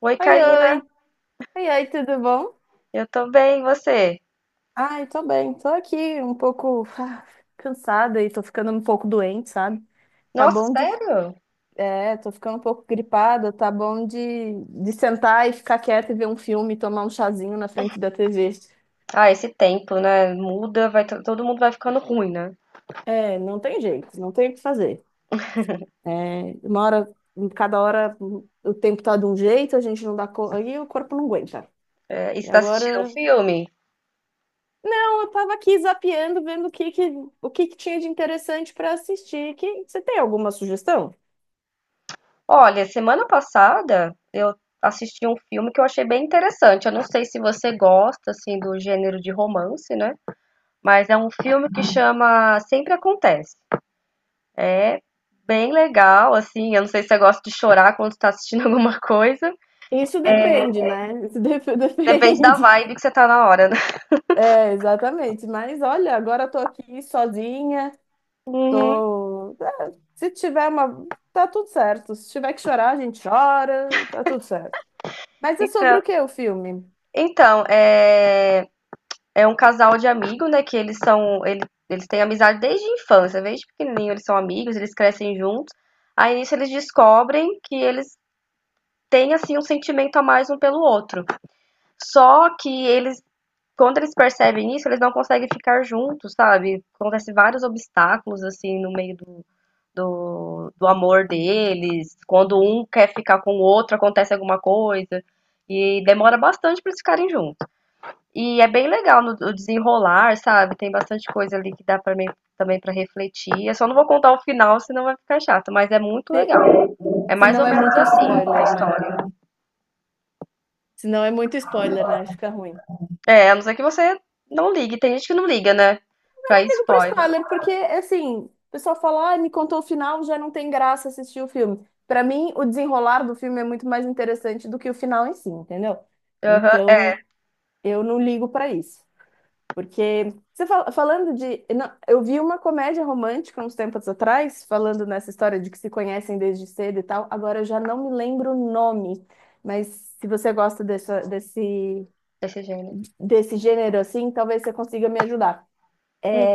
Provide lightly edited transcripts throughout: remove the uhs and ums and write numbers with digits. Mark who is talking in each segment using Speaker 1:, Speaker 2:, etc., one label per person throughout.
Speaker 1: Oi,
Speaker 2: Oi,
Speaker 1: Karina.
Speaker 2: oi. Oi, oi, tudo bom?
Speaker 1: Eu tô bem, e você?
Speaker 2: Ai, tô bem, tô aqui um pouco cansada e tô ficando um pouco doente, sabe? Tá
Speaker 1: Nossa,
Speaker 2: bom de.
Speaker 1: sério?
Speaker 2: É, tô ficando um pouco gripada, tá bom de sentar e ficar quieta e ver um filme, tomar um chazinho na frente da TV.
Speaker 1: Ah, esse tempo, né? Muda, vai, todo mundo vai ficando ruim, né?
Speaker 2: É, não tem jeito, não tem o que fazer. É, uma hora, cada hora o tempo tá de um jeito, a gente não dá conta, e o corpo não aguenta.
Speaker 1: É, e
Speaker 2: E
Speaker 1: você tá assistindo um
Speaker 2: agora
Speaker 1: filme?
Speaker 2: eu tava aqui zapeando, vendo o que que tinha de interessante para assistir. Que, você tem alguma sugestão?
Speaker 1: Olha, semana passada assisti um filme que eu achei bem interessante. Eu não sei se você gosta, assim, do gênero de romance, né? Mas é um
Speaker 2: Ah,
Speaker 1: filme que chama Sempre Acontece. É bem legal, assim. Eu não sei se você gosta de chorar quando tá assistindo alguma coisa.
Speaker 2: isso depende, né?
Speaker 1: Depende da
Speaker 2: Depende.
Speaker 1: vibe que você tá na hora, né?
Speaker 2: É, exatamente. Mas olha, agora eu tô aqui sozinha, tô. É, se tiver uma. Tá tudo certo. Se tiver que chorar, a gente chora, e tá tudo certo. Mas é sobre o
Speaker 1: Então,
Speaker 2: que o filme?
Speaker 1: então, é um casal de amigos, né? Que eles são. Eles têm amizade desde a infância, desde pequenininho eles são amigos, eles crescem juntos. Aí nisso eles descobrem que eles têm, assim, um sentimento a mais um pelo outro. Só que eles, quando eles percebem isso, eles não conseguem ficar juntos, sabe? Acontecem vários obstáculos, assim, no meio do amor deles. Quando um quer ficar com o outro, acontece alguma coisa. E demora bastante para eles ficarem juntos. E é bem legal no, o desenrolar, sabe? Tem bastante coisa ali que dá para mim também para refletir. Eu só não vou contar o final, senão vai ficar chato, mas é muito
Speaker 2: Se,
Speaker 1: legal. É
Speaker 2: se
Speaker 1: mais
Speaker 2: não
Speaker 1: ou
Speaker 2: é
Speaker 1: menos
Speaker 2: muito
Speaker 1: assim a
Speaker 2: spoiler, né?
Speaker 1: história.
Speaker 2: Se não é muito spoiler, né? Fica ruim.
Speaker 1: É, a não ser que você não ligue. Tem gente que não liga, né? Pra
Speaker 2: Ligo pro
Speaker 1: spoiler.
Speaker 2: spoiler, porque, assim, o pessoal fala, ah, me contou o final, já não tem graça assistir o filme. Pra mim, o desenrolar do filme é muito mais interessante do que o final em si, entendeu?
Speaker 1: Aham, é
Speaker 2: Então, eu não ligo pra isso. Porque, falando de. Não, eu vi uma comédia romântica uns tempos atrás, falando nessa história de que se conhecem desde cedo e tal. Agora eu já não me lembro o nome. Mas se você gosta dessa, desse,
Speaker 1: desse gênero.
Speaker 2: desse gênero assim, talvez você consiga me ajudar.
Speaker 1: Hum,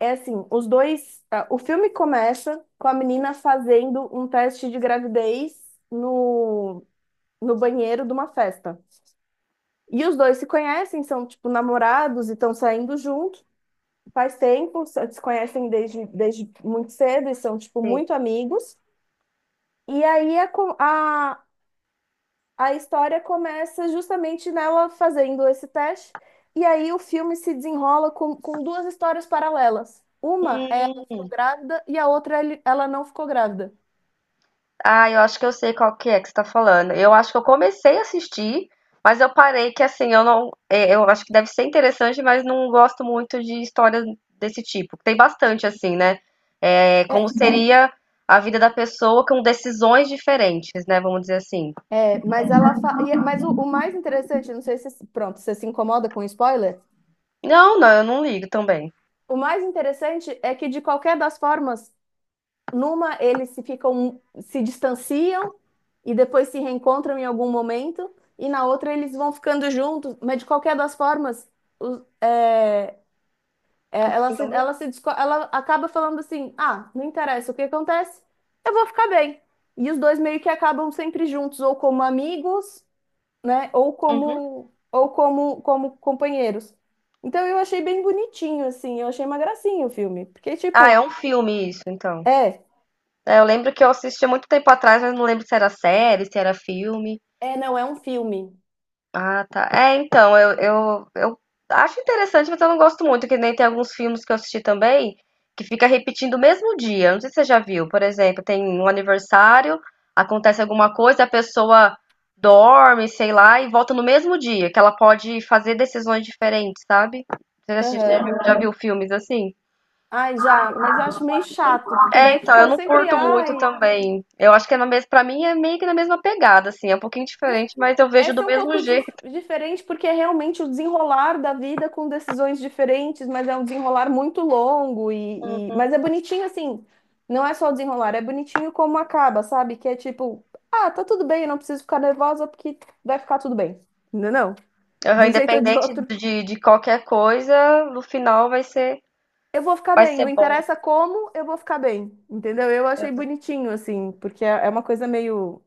Speaker 2: É assim, os dois. O filme começa com a menina fazendo um teste de gravidez no, no banheiro de uma festa. E os dois se conhecem, são tipo namorados e estão saindo juntos. Faz tempo, se conhecem desde muito cedo e são tipo
Speaker 1: sim.
Speaker 2: muito amigos. E aí a, co- a, A história começa justamente nela fazendo esse teste, e aí o filme se desenrola com duas histórias paralelas. Uma é ela ficou grávida e a outra ela não ficou grávida.
Speaker 1: Ah, eu acho que eu sei qual que é que você tá falando. Eu acho que eu comecei a assistir, mas eu parei que assim, eu não, é, eu acho que deve ser interessante, mas não gosto muito de histórias desse tipo. Tem bastante assim, né? É, como uhum.
Speaker 2: É,
Speaker 1: Seria a vida da pessoa com decisões diferentes, né? Vamos dizer assim.
Speaker 2: mas ela fa... e é- mas o mais interessante, não sei se pronto, você se incomoda com spoiler?
Speaker 1: Não, eu não ligo também.
Speaker 2: O mais interessante é que de qualquer das formas eles se ficam, se distanciam e depois se reencontram em algum momento, e na outra eles vão ficando juntos, mas de qualquer das formas, os- é, é,
Speaker 1: O filme?
Speaker 2: ela se, disco- ela acaba falando assim: ah, não interessa o que acontece, eu vou ficar bem. E os dois meio que acabam sempre juntos, ou como amigos, né, ou
Speaker 1: Uhum.
Speaker 2: como, ou como, como companheiros. Então eu achei bem bonitinho, assim, eu achei uma gracinha o filme, porque
Speaker 1: Ah, é
Speaker 2: tipo,
Speaker 1: um filme isso, então.
Speaker 2: é,
Speaker 1: É, eu lembro que eu assisti há muito tempo atrás, mas não lembro se era série, se era filme.
Speaker 2: não, é um filme.
Speaker 1: Ah, tá. É, então, eu acho interessante, mas eu não gosto muito, que nem tem alguns filmes que eu assisti também, que fica repetindo o mesmo dia. Não sei se você já viu. Por exemplo, tem um aniversário, acontece alguma coisa, a pessoa dorme, sei lá, e volta no mesmo dia, que ela pode fazer decisões diferentes, sabe? Você já,
Speaker 2: Aham.
Speaker 1: já viu filmes assim?
Speaker 2: Ai, já, mas eu acho meio chato, porque
Speaker 1: É,
Speaker 2: daí
Speaker 1: então, eu
Speaker 2: fica
Speaker 1: não
Speaker 2: sempre,
Speaker 1: curto muito
Speaker 2: ai.
Speaker 1: também. Eu acho que é na mesma, pra mim é meio que na mesma pegada, assim, é um pouquinho
Speaker 2: Né?
Speaker 1: diferente, mas eu vejo do
Speaker 2: Essa é um
Speaker 1: mesmo
Speaker 2: pouco
Speaker 1: jeito.
Speaker 2: diferente, porque é realmente o desenrolar da vida com decisões diferentes, mas é um desenrolar muito longo mas é bonitinho assim, não é só o desenrolar, é bonitinho como acaba, sabe? Que é tipo, ah, tá tudo bem, eu não preciso ficar nervosa porque vai ficar tudo bem. Não, não.
Speaker 1: Aham,
Speaker 2: De um jeito ou de
Speaker 1: independente
Speaker 2: outro,
Speaker 1: de qualquer coisa, no final
Speaker 2: eu vou ficar
Speaker 1: vai
Speaker 2: bem,
Speaker 1: ser
Speaker 2: não
Speaker 1: bom.
Speaker 2: interessa como, eu vou ficar bem, entendeu? Eu achei bonitinho, assim, porque é uma coisa meio.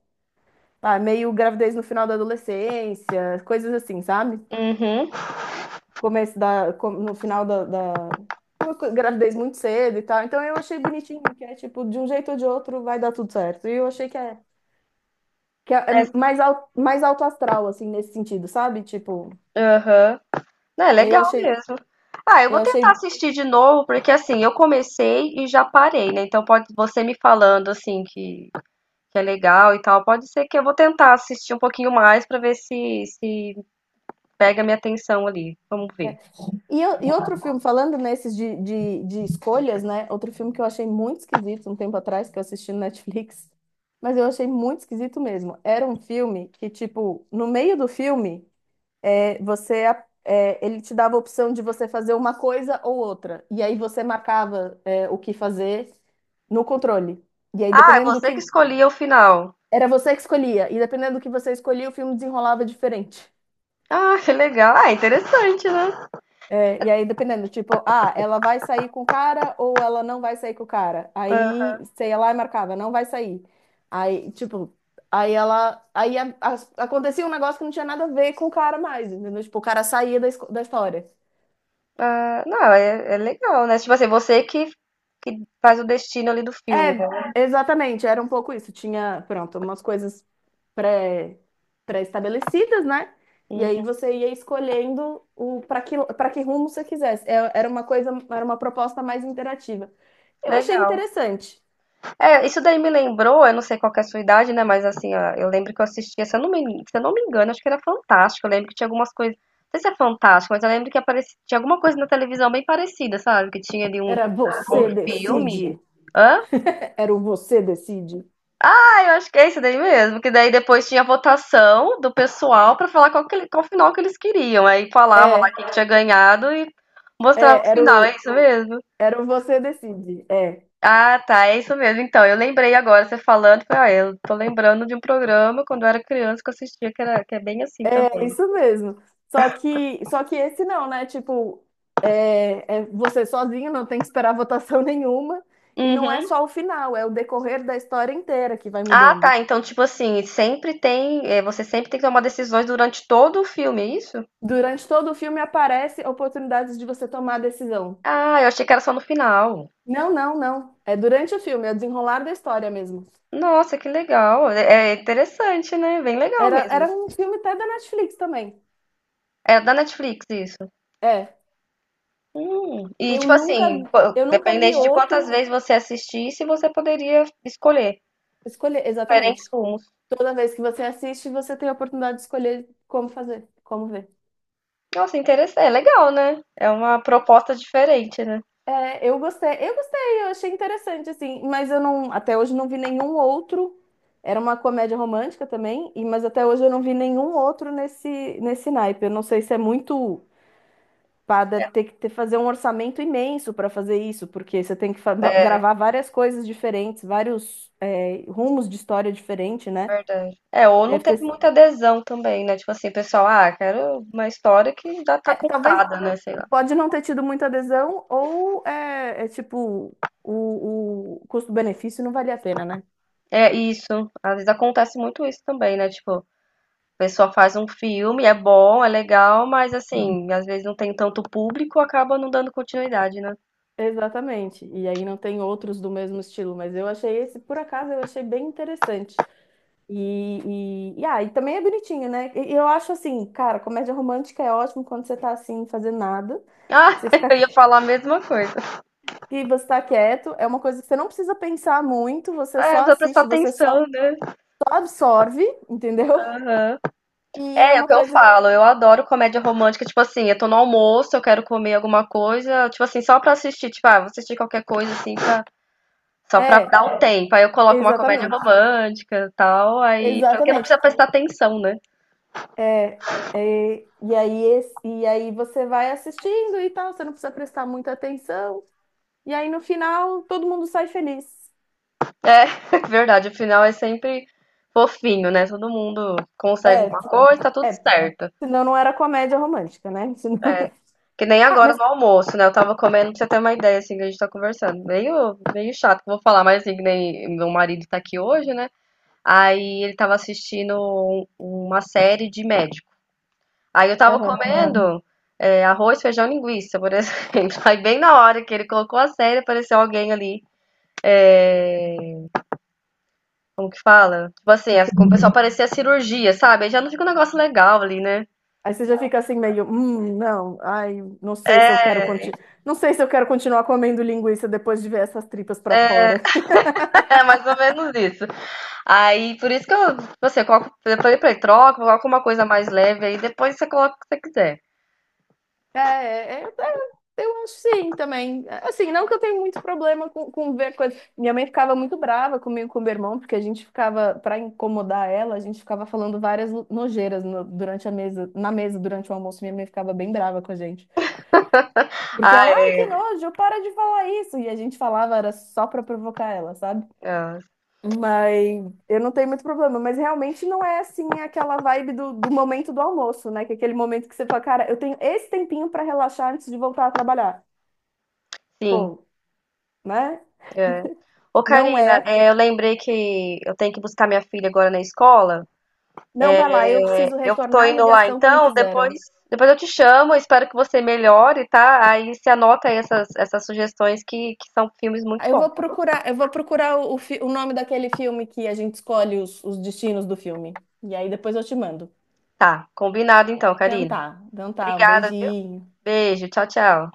Speaker 2: Ah, meio gravidez no final da adolescência, coisas assim, sabe?
Speaker 1: Uhum.
Speaker 2: No final uma gravidez muito cedo e tal. Então eu achei bonitinho, que é tipo, de um jeito ou de outro vai dar tudo certo. E eu achei que é, que é
Speaker 1: É,
Speaker 2: mais, mais alto astral, assim, nesse sentido, sabe? Tipo,
Speaker 1: aham. Não, é
Speaker 2: eu
Speaker 1: legal
Speaker 2: achei,
Speaker 1: mesmo. Ah, eu
Speaker 2: eu
Speaker 1: vou tentar
Speaker 2: achei.
Speaker 1: assistir de novo, porque assim, eu comecei e já parei, né? Então pode você me falando assim que é legal e tal, pode ser que eu vou tentar assistir um pouquinho mais pra ver se se pega minha atenção ali. Vamos ver.
Speaker 2: É, e e outro filme, falando nesses de escolhas, né? Outro filme que eu achei muito esquisito um tempo atrás, que eu assisti no Netflix, mas eu achei muito esquisito mesmo. Era um filme que, tipo, no meio do filme, ele te dava a opção de você fazer uma coisa ou outra. E aí você marcava, o que fazer no controle. E aí,
Speaker 1: Ah, é
Speaker 2: dependendo do
Speaker 1: você que
Speaker 2: que.
Speaker 1: escolhia o final.
Speaker 2: Era você que escolhia. E dependendo do que você escolhia, o filme desenrolava diferente.
Speaker 1: Ah, que legal. Ah, interessante, né?
Speaker 2: É, e aí, dependendo, tipo, ah, ela vai sair com o cara ou ela não vai sair com o cara. Aí, sei lá, e marcava, não vai sair. Aí, tipo, aí ela. Acontecia um negócio que não tinha nada a ver com o cara mais, entendeu? Tipo, o cara saía da história.
Speaker 1: Ah, não, é, é legal, né? Tipo assim, você que faz o destino ali do filme, né?
Speaker 2: É, exatamente, era um pouco isso. Tinha, pronto, umas coisas pré, pré-estabelecidas, né? E aí
Speaker 1: Uhum.
Speaker 2: você ia escolhendo o para que rumo você quisesse. Era uma coisa, era uma proposta mais interativa. Eu achei
Speaker 1: Legal.
Speaker 2: interessante.
Speaker 1: É, isso daí me lembrou, eu não sei qual que é a sua idade, né? Mas assim, ó, eu lembro que eu assistia, se eu não me engano, acho que era Fantástico. Eu lembro que tinha algumas coisas, não sei se é Fantástico, mas eu lembro que aparecia, tinha alguma coisa na televisão bem parecida, sabe? Que tinha ali um,
Speaker 2: Era
Speaker 1: um
Speaker 2: você
Speaker 1: filme.
Speaker 2: decide.
Speaker 1: Hã?
Speaker 2: É, era o você decide.
Speaker 1: Ah, eu acho que é isso daí mesmo. Que daí depois tinha votação do pessoal pra falar qual, que, qual final que eles queriam. Aí falava lá
Speaker 2: É,
Speaker 1: quem que tinha ganhado e
Speaker 2: É,
Speaker 1: mostrava o final. É isso mesmo?
Speaker 2: era o você decide. É,
Speaker 1: Ah, tá. É isso mesmo. Então, eu lembrei agora, você falando. Falei, ah, eu tô lembrando de um programa quando eu era criança que eu assistia que, era, que é bem assim
Speaker 2: é
Speaker 1: também.
Speaker 2: isso mesmo. Só que esse não, né? Tipo, é você sozinho, não tem que esperar votação nenhuma. E não é
Speaker 1: Uhum.
Speaker 2: só o final, é o decorrer da história inteira que vai
Speaker 1: Ah,
Speaker 2: mudando.
Speaker 1: tá. Então, tipo assim, sempre tem. Você sempre tem que tomar decisões durante todo o filme, é isso?
Speaker 2: Durante todo o filme aparece oportunidades de você tomar a decisão.
Speaker 1: Ah, eu achei que era só no final.
Speaker 2: Não. É durante o filme, é o desenrolar da história mesmo.
Speaker 1: Nossa, que legal. É é interessante, né? Bem legal
Speaker 2: Era
Speaker 1: mesmo.
Speaker 2: um filme até da Netflix também.
Speaker 1: É da Netflix, isso.
Speaker 2: É.
Speaker 1: E,
Speaker 2: Eu
Speaker 1: tipo
Speaker 2: nunca,
Speaker 1: assim,
Speaker 2: eu nunca vi
Speaker 1: dependente de quantas
Speaker 2: outro
Speaker 1: vezes você assistisse, você poderia escolher
Speaker 2: escolher.
Speaker 1: diferentes
Speaker 2: Exatamente.
Speaker 1: rumos.
Speaker 2: Toda vez que você assiste, você tem a oportunidade de escolher como fazer, como ver.
Speaker 1: Nossa, interessante. É legal, né? É uma proposta diferente, né?
Speaker 2: É, eu gostei, eu achei interessante, assim, mas eu não, até hoje não vi nenhum outro. Era uma comédia romântica também, e, mas até hoje eu não vi nenhum outro nesse naipe. Eu não sei se é muito. Pá, deve ter que ter, fazer um orçamento imenso para fazer isso, porque você tem que gravar várias coisas diferentes, vários, rumos de história diferente, né?
Speaker 1: Verdade. É, ou não
Speaker 2: Deve
Speaker 1: teve
Speaker 2: ter,
Speaker 1: muita adesão também, né? Tipo assim, pessoal, ah, quero uma história que já
Speaker 2: é,
Speaker 1: tá
Speaker 2: talvez
Speaker 1: contada, né? Sei lá.
Speaker 2: pode não ter tido muita adesão, ou é tipo, o custo-benefício não valia a pena, né?
Speaker 1: É isso. Às vezes acontece muito isso também, né? Tipo, a pessoa faz um filme, é bom, é legal, mas assim, às vezes não tem tanto público, acaba não dando continuidade, né?
Speaker 2: Exatamente. E aí não tem outros do mesmo estilo, mas eu achei esse, por acaso, eu achei bem interessante. E também é bonitinho, né? E eu acho assim, cara, comédia romântica é ótimo quando você tá assim, fazendo nada, que
Speaker 1: Ah,
Speaker 2: você fica
Speaker 1: eu ia falar a mesma coisa.
Speaker 2: que você tá quieto, é uma coisa que você não precisa pensar muito, você só
Speaker 1: É, pra prestar
Speaker 2: assiste, você só,
Speaker 1: atenção, né?
Speaker 2: só absorve, entendeu?
Speaker 1: Aham.
Speaker 2: E é
Speaker 1: É, é o
Speaker 2: uma
Speaker 1: que eu
Speaker 2: coisa que.
Speaker 1: falo, eu adoro comédia romântica, tipo assim, eu tô no almoço, eu quero comer alguma coisa, tipo assim, só pra assistir, tipo, ah, vou assistir qualquer coisa assim, pra, só pra
Speaker 2: É,
Speaker 1: dar um tempo. Aí eu coloco uma comédia
Speaker 2: exatamente,
Speaker 1: romântica e tal, aí porque não
Speaker 2: exatamente.
Speaker 1: precisa prestar atenção, né?
Speaker 2: É, e aí e aí você vai assistindo e tal, você não precisa prestar muita atenção. E aí no final todo mundo sai feliz.
Speaker 1: É, verdade, o final é sempre fofinho, né? Todo mundo consegue
Speaker 2: É,
Speaker 1: alguma
Speaker 2: t-
Speaker 1: coisa, tá tudo
Speaker 2: é,
Speaker 1: certo.
Speaker 2: senão não era comédia romântica, né? Senão...
Speaker 1: Que nem
Speaker 2: Ah,
Speaker 1: agora
Speaker 2: mas
Speaker 1: no almoço, né? Eu tava comendo pra você ter uma ideia, assim, que a gente tá conversando. Meio chato que eu vou falar, mas assim, que nem meu marido tá aqui hoje, né? Aí ele tava assistindo uma série de médico. Aí eu tava
Speaker 2: aham.
Speaker 1: comendo arroz, feijão, linguiça, por exemplo. Aí bem na hora que ele colocou a série, apareceu alguém ali. O que fala? Tipo assim, o pessoal parecia cirurgia, sabe? Aí já não fica um negócio legal ali, né?
Speaker 2: Aí você já fica assim meio, não, ai, não sei se eu quero conti... não sei se eu quero continuar comendo linguiça depois de ver essas tripas pra fora.
Speaker 1: É mais ou menos isso. Aí, por isso que eu, você coloca, depois pra ele troca, coloca uma coisa mais leve aí, depois você coloca o que você quiser.
Speaker 2: É, é, é, é, eu acho sim também. Assim, não que eu tenha muito problema com ver coisas. Minha mãe ficava muito brava comigo, e com meu irmão, porque a gente ficava, pra incomodar ela, a gente ficava falando várias nojeiras durante a mesa, na mesa durante o almoço. Minha mãe ficava bem brava com a gente. Porque
Speaker 1: Ah,
Speaker 2: ela, ai, que nojo, para de falar isso. E a gente falava, era só pra provocar ela, sabe?
Speaker 1: é,
Speaker 2: Mas eu não tenho muito problema, mas realmente não é assim aquela vibe do momento do almoço, né? Que é aquele momento que você fala, cara, eu tenho esse tempinho pra relaxar antes de voltar a trabalhar.
Speaker 1: sim,
Speaker 2: Pô, né?
Speaker 1: é. Ô,
Speaker 2: Não
Speaker 1: Karina,
Speaker 2: é.
Speaker 1: é, eu lembrei que eu tenho que buscar minha filha agora na escola.
Speaker 2: Não vai lá, eu preciso
Speaker 1: Eu tô
Speaker 2: retornar a
Speaker 1: indo lá
Speaker 2: ligação que me
Speaker 1: então, depois,
Speaker 2: fizeram.
Speaker 1: depois eu te chamo, espero que você melhore, tá? Aí você anota aí essas sugestões que são filmes muito bons.
Speaker 2: Eu vou procurar o, o nome daquele filme que a gente escolhe os destinos do filme. E aí depois eu te mando.
Speaker 1: Tá, combinado então, Karina.
Speaker 2: Então tá, um
Speaker 1: Obrigada, viu?
Speaker 2: beijinho.
Speaker 1: Beijo, tchau, tchau.